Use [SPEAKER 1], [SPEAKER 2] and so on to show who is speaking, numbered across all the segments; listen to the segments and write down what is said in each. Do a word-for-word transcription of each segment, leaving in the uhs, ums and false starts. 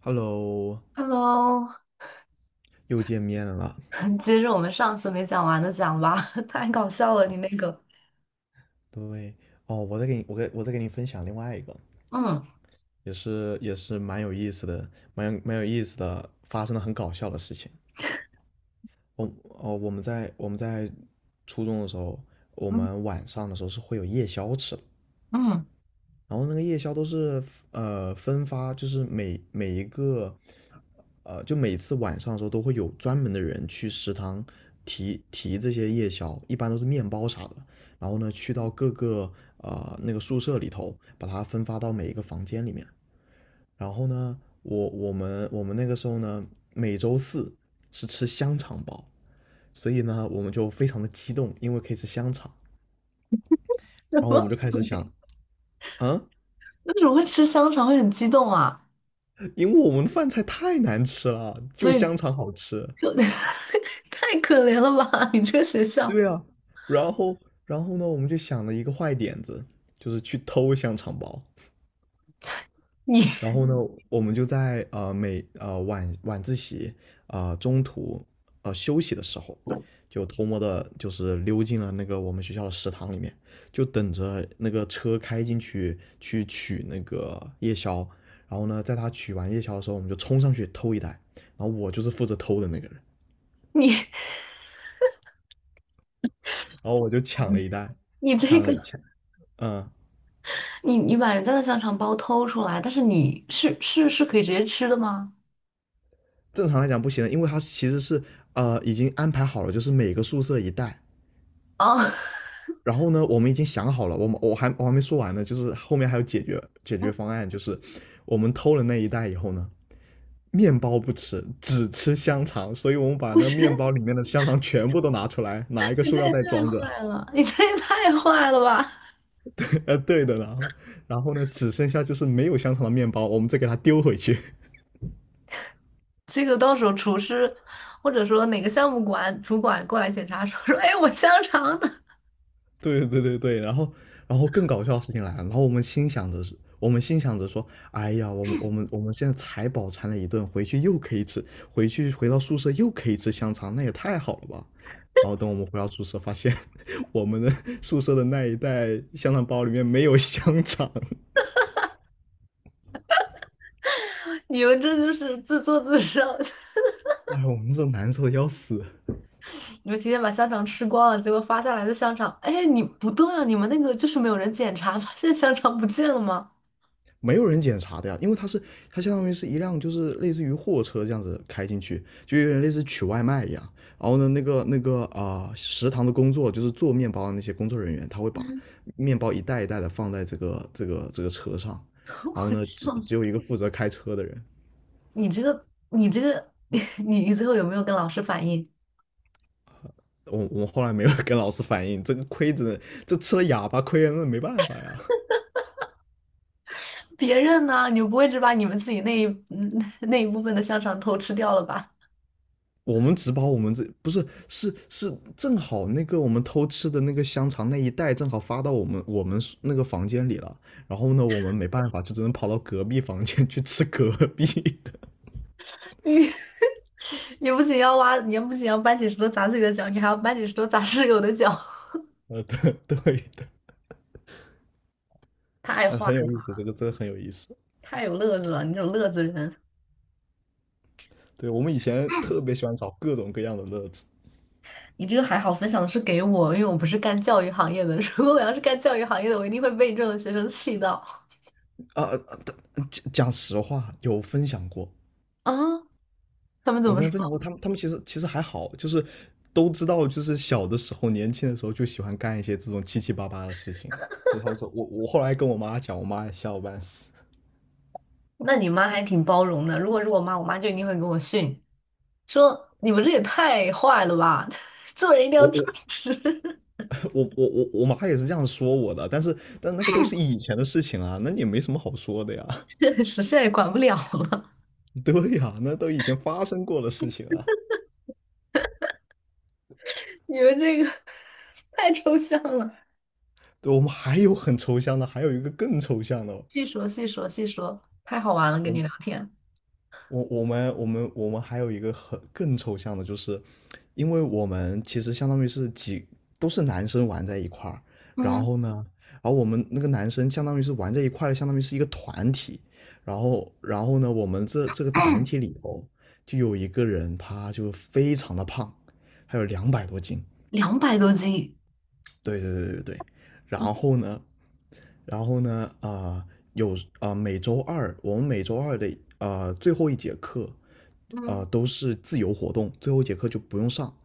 [SPEAKER 1] Hello，
[SPEAKER 2] Hello，
[SPEAKER 1] 又见面了。
[SPEAKER 2] 接着我们上次没讲完的讲吧，太搞笑了，你那个，
[SPEAKER 1] 对，哦，我再给你，我给我再给你分享另外一个，
[SPEAKER 2] 嗯
[SPEAKER 1] 也是也是蛮有意思的，蛮有蛮有意思的，发生了很搞笑的事情。我哦，我们在我们在初中的时候，我
[SPEAKER 2] 嗯
[SPEAKER 1] 们晚上的时候是会有夜宵吃的。
[SPEAKER 2] 嗯，
[SPEAKER 1] 然后那个夜宵都是呃分发，就是每每一个呃，就每次晚上的时候都会有专门的人去食堂提提这些夜宵，一般都是面包啥的。然后呢，去到各个呃那个宿舍里头，把它分发到每一个房间里面。然后呢，我我们我们那个时候呢，每周四是吃香肠包，所以呢，我们就非常的激动，因为可以吃香肠。
[SPEAKER 2] 什
[SPEAKER 1] 然后我们
[SPEAKER 2] 么
[SPEAKER 1] 就开始
[SPEAKER 2] 鬼？
[SPEAKER 1] 想，嗯。
[SPEAKER 2] 为什么会吃香肠会很激动啊？
[SPEAKER 1] 因为我们的饭菜太难吃了，就
[SPEAKER 2] 所以
[SPEAKER 1] 香肠好吃。
[SPEAKER 2] 就 太可怜了吧，你这个学校，
[SPEAKER 1] 对啊，然后，然后呢，我们就想了一个坏点子，就是去偷香肠包。
[SPEAKER 2] 你
[SPEAKER 1] 然后呢，我们就在呃每呃晚晚自习呃中途呃休息的时候，就偷摸的，就是溜进了那个我们学校的食堂里面，就等着那个车开进去去取那个夜宵。然后呢，在他取完夜宵的时候，我们就冲上去偷一袋。然后我就是负责偷的那个人。
[SPEAKER 2] 你
[SPEAKER 1] 然后我就抢了一袋，
[SPEAKER 2] 你这
[SPEAKER 1] 抢
[SPEAKER 2] 个，
[SPEAKER 1] 了抢，嗯，
[SPEAKER 2] 你你把人家的香肠包偷出来，但是你是是是可以直接吃的吗？
[SPEAKER 1] 正常来讲不行的，因为它其实是呃已经安排好了，就是每个宿舍一袋。
[SPEAKER 2] 啊，
[SPEAKER 1] 然后呢，我们已经想好了，我们我还我还没说完呢，就是后面还有解决解决 方案，就是我们偷了那一袋以后呢，面包不吃，只吃香肠，所以我们把
[SPEAKER 2] 不
[SPEAKER 1] 那面
[SPEAKER 2] 是，
[SPEAKER 1] 包里面的香肠全部都拿出来，拿一个
[SPEAKER 2] 你
[SPEAKER 1] 塑
[SPEAKER 2] 这
[SPEAKER 1] 料
[SPEAKER 2] 也
[SPEAKER 1] 袋装
[SPEAKER 2] 太
[SPEAKER 1] 着，
[SPEAKER 2] 坏了，你这也太坏了吧！
[SPEAKER 1] 呃，对的，然后然后呢，只剩下就是没有香肠的面包，我们再给它丢回去。
[SPEAKER 2] 这个到时候厨师或者说哪个项目管主管过来检查说说，哎，我香肠呢？
[SPEAKER 1] 对对对对，然后然后更搞笑的事情来了，然后我们心想着是，我们心想着说，哎呀，我们我们我们现在才饱餐了一顿，回去又可以吃，回去回到宿舍又可以吃香肠，那也太好了吧。然后等我们回到宿舍，发现 我们的 宿舍的那一袋香肠包里面没有香肠，
[SPEAKER 2] 你们这就是自作自受，
[SPEAKER 1] 哎，我们这难受的要死。
[SPEAKER 2] 你们提前把香肠吃光了，结果发下来的香肠，哎，你不对啊，你们那个就是没有人检查，发现香肠不见了吗？
[SPEAKER 1] 没有人检查的呀，因为它是它相当于是一辆就是类似于货车这样子开进去，就有点类似取外卖一样。然后呢，那个那个啊、呃食堂的工作就是做面包的那些工作人员，他会把
[SPEAKER 2] 嗯，
[SPEAKER 1] 面包一袋一袋的放在这个这个这个车上，然后呢，只只
[SPEAKER 2] 哼
[SPEAKER 1] 有一个负责开车的人。
[SPEAKER 2] 你这个，你这个，你你最后有没有跟老师反映？
[SPEAKER 1] 我我后来没有跟老师反映，这个亏着这吃了哑巴亏了，那没办法呀。
[SPEAKER 2] 别人呢？你们不会只把你们自己那一嗯 那一部分的香肠偷吃掉了吧？
[SPEAKER 1] 我们只把我们这不是是是正好那个我们偷吃的那个香肠那一袋正好发到我们我们那个房间里了，然后呢我们没办法就只能跑到隔壁房间去吃隔壁的
[SPEAKER 2] 你 你不仅要挖，你不仅要搬起石头砸自己的脚，你还要搬起石头砸室友的脚，
[SPEAKER 1] 呃对 对的，
[SPEAKER 2] 太
[SPEAKER 1] 哎
[SPEAKER 2] 坏
[SPEAKER 1] 很有意
[SPEAKER 2] 了，
[SPEAKER 1] 思，这个真的很有意思。
[SPEAKER 2] 太有乐子了，你这种乐子人。
[SPEAKER 1] 对我们以前特别喜欢找各种各样的乐子。
[SPEAKER 2] 你这个还好，分享的是给我，因为我不是干教育行业的。如果我要是干教育行业的，我一定会被你这种学生气到
[SPEAKER 1] 啊，啊但讲讲实话有分享过，
[SPEAKER 2] 啊！他们怎
[SPEAKER 1] 我之
[SPEAKER 2] 么
[SPEAKER 1] 前分享过，
[SPEAKER 2] 说？
[SPEAKER 1] 他们他们其实其实还好，就是都知道，就是小的时候、年轻的时候就喜欢干一些这种七七八八的事情。所以他说我我后来跟我妈讲，我妈也吓我半死。
[SPEAKER 2] 那你妈还挺包容的。如果是我妈，我妈就一定会给我训，说你们这也太坏了吧，做人一定
[SPEAKER 1] 我
[SPEAKER 2] 要正
[SPEAKER 1] 我
[SPEAKER 2] 直。
[SPEAKER 1] 我我我我妈也是这样说我的，但是但那个都是以前的事情啊，那也没什么好说的呀。
[SPEAKER 2] 确实，现在也管不了了，
[SPEAKER 1] 对呀，那都以前发生过的事情啊。
[SPEAKER 2] 你们这个 太抽象了。
[SPEAKER 1] 对，我们还有很抽象的，还有一个更抽象的，
[SPEAKER 2] 细说细说细说，太好玩了，跟你
[SPEAKER 1] 我
[SPEAKER 2] 聊天。
[SPEAKER 1] 我我们我们我们还有一个很更抽象的，就是因为我们其实相当于是几都是男生玩在一块儿，然
[SPEAKER 2] 嗯
[SPEAKER 1] 后呢，然后我们那个男生相当于是玩在一块儿的，相当于是一个团体，然后然后呢，我们这这个团体里头就有一个人他就非常的胖，还有两百多斤，
[SPEAKER 2] 两百多斤
[SPEAKER 1] 对对对对对，然后呢，然后呢，啊、呃有啊、呃每周二我们每周二的啊、呃最后一节课啊、呃
[SPEAKER 2] 嗯，
[SPEAKER 1] 都是自由活动，最后一节课就不用上，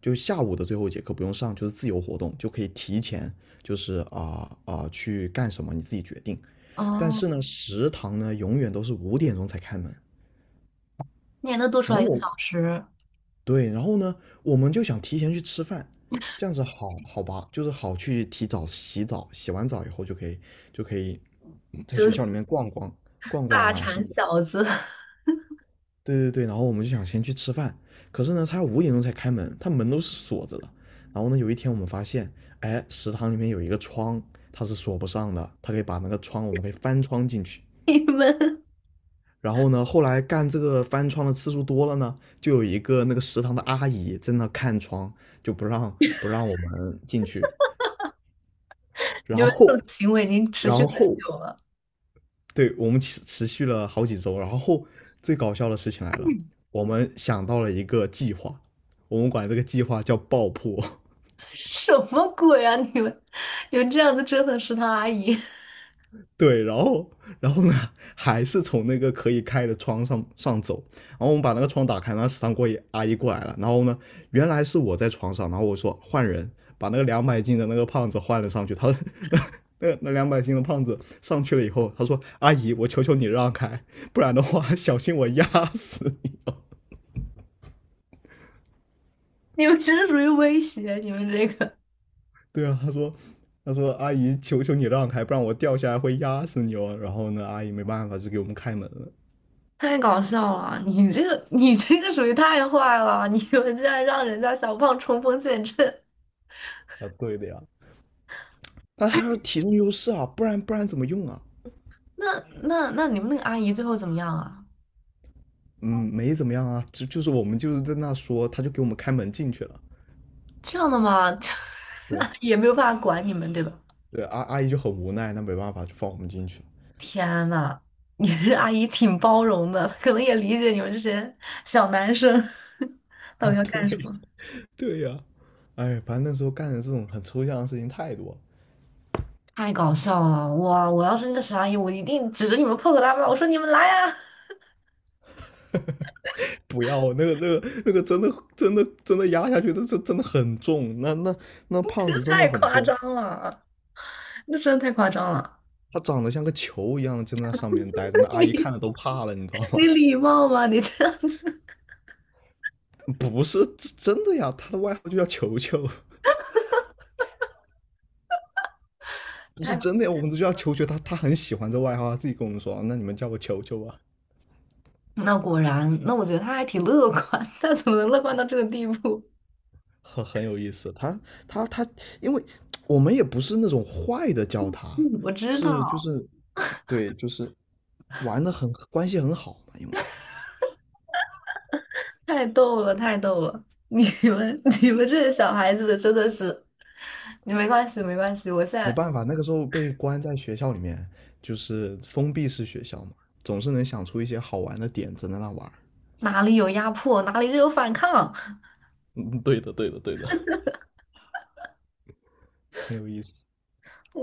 [SPEAKER 1] 就下午的最后一节课不用上，就是自由活动，就可以提前就是啊啊、呃呃去干什么你自己决定。但
[SPEAKER 2] 哦，
[SPEAKER 1] 是呢，食堂呢永远都是五点钟才开门，
[SPEAKER 2] 你还能多出
[SPEAKER 1] 然后
[SPEAKER 2] 来一个
[SPEAKER 1] 我
[SPEAKER 2] 小时。
[SPEAKER 1] 对，然后呢，我们就想提前去吃饭，这样子好好吧，就是好去提早洗澡，洗完澡以后就可以就可以嗯在
[SPEAKER 2] 休
[SPEAKER 1] 学校里
[SPEAKER 2] 息
[SPEAKER 1] 面逛逛逛逛
[SPEAKER 2] 大
[SPEAKER 1] 啊什么
[SPEAKER 2] 馋
[SPEAKER 1] 的。
[SPEAKER 2] 小子，
[SPEAKER 1] 对对对，然后我们就想先去吃饭，可是呢，他五点钟才开门，他门都是锁着的。然后呢，有一天我们发现，哎，食堂里面有一个窗，它是锁不上的，它可以把那个窗，我们可以翻窗进去。
[SPEAKER 2] 你们
[SPEAKER 1] 然后呢，后来干这个翻窗的次数多了呢，就有一个那个食堂的阿姨在那看窗，就不让不让我们进去。
[SPEAKER 2] 你
[SPEAKER 1] 然
[SPEAKER 2] 们这
[SPEAKER 1] 后，
[SPEAKER 2] 种行为已经持续
[SPEAKER 1] 然
[SPEAKER 2] 很
[SPEAKER 1] 后，
[SPEAKER 2] 久了，
[SPEAKER 1] 对，我们持持续了好几周。然后最搞笑的事情来了，我们想到了一个计划，我们管这个计划叫爆破。
[SPEAKER 2] 什么鬼啊？你们你们这样子折腾食堂阿姨，
[SPEAKER 1] 对，然后，然后呢，还是从那个可以开的窗上上走，然后我们把那个窗打开，然后食堂过阿姨过来了，然后呢，原来是我在床上，然后我说换人，把那个两百斤的那个胖子换了上去，他那那那两百斤的胖子上去了以后，他说阿姨，我求求你让开，不然的话小心我压死你。
[SPEAKER 2] 你们真的属于威胁，你们这个
[SPEAKER 1] 对啊，他说他说阿姨，求求你让开，不然我掉下来会压死你哦。然后呢，阿姨没办法，就给我们开门了。
[SPEAKER 2] 太搞笑了，你这个你这个属于太坏了，你们这然让人家小胖冲锋陷阵，
[SPEAKER 1] 啊，对的呀。那他说体重优势啊，不然不然怎么用啊？
[SPEAKER 2] 那那那你们那个阿姨最后怎么样啊？
[SPEAKER 1] 嗯，没怎么样啊，就就是我们就是在那说，他就给我们开门进去了。
[SPEAKER 2] 这样的嘛，吗？
[SPEAKER 1] 对
[SPEAKER 2] 也没有办法管你们，对吧？
[SPEAKER 1] 对，阿阿姨就很无奈，那没办法，就放我们进去了。
[SPEAKER 2] 天呐，你这阿姨挺包容的，可能也理解你们这些小男生 到底 要干什
[SPEAKER 1] 对
[SPEAKER 2] 么。
[SPEAKER 1] 对呀、哎，反正那时候干的这种很抽象的事情太多了。
[SPEAKER 2] 太搞笑了！哇，我要是那个小阿姨，我一定指着你们破口大骂，我说你们来呀、
[SPEAKER 1] 不要那个那个那个真的真的真的压下去，那这真的很重，那那那胖子 真的
[SPEAKER 2] 太
[SPEAKER 1] 很
[SPEAKER 2] 夸
[SPEAKER 1] 重，
[SPEAKER 2] 张了，那真的太夸张了。
[SPEAKER 1] 他长得像个球一样，就在那上面待着，那 阿姨看
[SPEAKER 2] 你
[SPEAKER 1] 了都怕了，你知道
[SPEAKER 2] 你
[SPEAKER 1] 吗？
[SPEAKER 2] 礼貌吗？你这样子
[SPEAKER 1] 不是真的呀，他的外号就叫球球。不是
[SPEAKER 2] 太……
[SPEAKER 1] 真的，我们就叫球球，他他很喜欢这外号，他自己跟我们说，那你们叫我球球吧，
[SPEAKER 2] 那果然，那我觉得他还挺乐观，他怎么能乐观到这个地步？
[SPEAKER 1] 很很有意思。他他他，因为我们也不是那种坏的叫他，
[SPEAKER 2] 嗯，我知
[SPEAKER 1] 是就
[SPEAKER 2] 道。
[SPEAKER 1] 是对，就是玩的很关系很好嘛，因为
[SPEAKER 2] 太逗了，太逗了！你们 你们这些小孩子的真的是，你没关系没关系，我现
[SPEAKER 1] 没
[SPEAKER 2] 在
[SPEAKER 1] 办法，那个时候被关在学校里面，就是封闭式学校嘛，总是能想出一些好玩的点子在那玩儿。
[SPEAKER 2] 哪里有压迫，哪里就有反抗。
[SPEAKER 1] 嗯，对的，对的，对的，很有意思。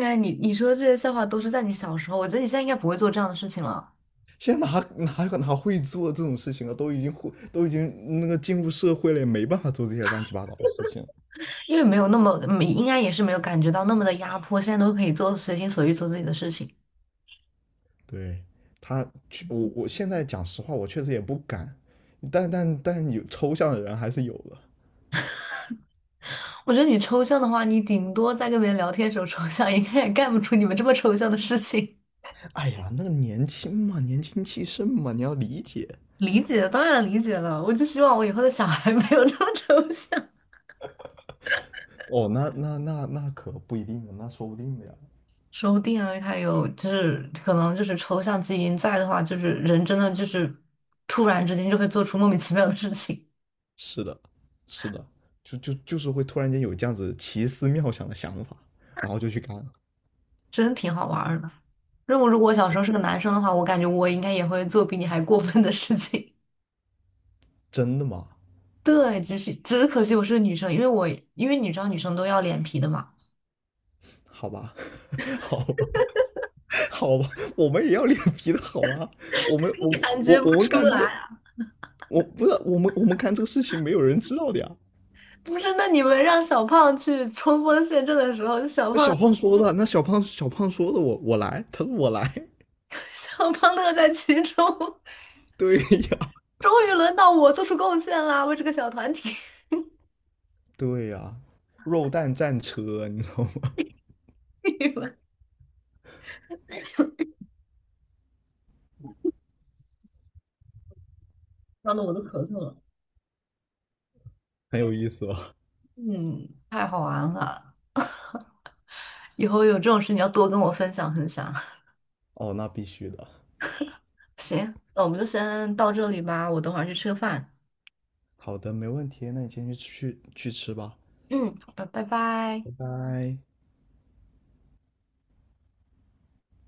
[SPEAKER 2] 哎，你你说这些笑话都是在你小时候，我觉得你现在应该不会做这样的事情了，
[SPEAKER 1] 现在哪哪有哪会做这种事情啊？都已经会都已经那个进入社会了，也没办法做这些乱七八糟的事情。
[SPEAKER 2] 因为没有那么，嗯应该也是没有感觉到那么的压迫，现在都可以做随心所欲做自己的事情。
[SPEAKER 1] 对他，我我现在讲实话，我确实也不敢，但但但有抽象的人还是有的。
[SPEAKER 2] 我觉得你抽象的话，你顶多在跟别人聊天的时候抽象，应该也干不出你们这么抽象的事情。
[SPEAKER 1] 哎呀，那个年轻嘛，年轻气盛嘛，你要理解。
[SPEAKER 2] 理解，当然理解了，我就希望我以后的小孩没有这么抽象。
[SPEAKER 1] 哦，那那那那可不一定的，那说不定的呀。
[SPEAKER 2] 说不定啊，还有就是可能就是抽象基因在的话，就是人真的就是突然之间就会做出莫名其妙的事情，
[SPEAKER 1] 是的，是的，就就就是会突然间有这样子奇思妙想的想法，然后就去干了。
[SPEAKER 2] 真挺好玩儿的。如果如果我小时
[SPEAKER 1] 真
[SPEAKER 2] 候是个男生的话，我感觉我应该也会做比你还过分的事情。
[SPEAKER 1] 真的吗？
[SPEAKER 2] 对，只是只是可惜我是个女生，因为我因为你知道女生都要脸皮的嘛，
[SPEAKER 1] 好吧，好吧。好吧，我们也要脸皮的好吗？我们我
[SPEAKER 2] 感
[SPEAKER 1] 我
[SPEAKER 2] 觉不
[SPEAKER 1] 我们
[SPEAKER 2] 出
[SPEAKER 1] 干这
[SPEAKER 2] 来
[SPEAKER 1] 个，
[SPEAKER 2] 啊。
[SPEAKER 1] 我不是我们我们干这个事情没有人知道的呀。
[SPEAKER 2] 不是，那你们让小胖去冲锋陷阵的时候，小
[SPEAKER 1] 那
[SPEAKER 2] 胖
[SPEAKER 1] 小胖说的，那小胖小胖说的我，我来，他说我来，
[SPEAKER 2] 小胖乐在其中，
[SPEAKER 1] 对呀
[SPEAKER 2] 终于轮到我做出贡献啦，为这个小团体。
[SPEAKER 1] 对呀，肉蛋战车，你知道吗？
[SPEAKER 2] 你们伤的我都咳嗽了。
[SPEAKER 1] 很有意思吧？
[SPEAKER 2] 嗯，太好玩了！以后有这种事你要多跟我分享分享。
[SPEAKER 1] 哦，那必须的。
[SPEAKER 2] 行，那我们就先到这里吧，我等会儿去吃个饭。
[SPEAKER 1] 好的，没问题，那你先去去去吃吧，
[SPEAKER 2] 嗯，好的，拜拜。
[SPEAKER 1] 拜拜。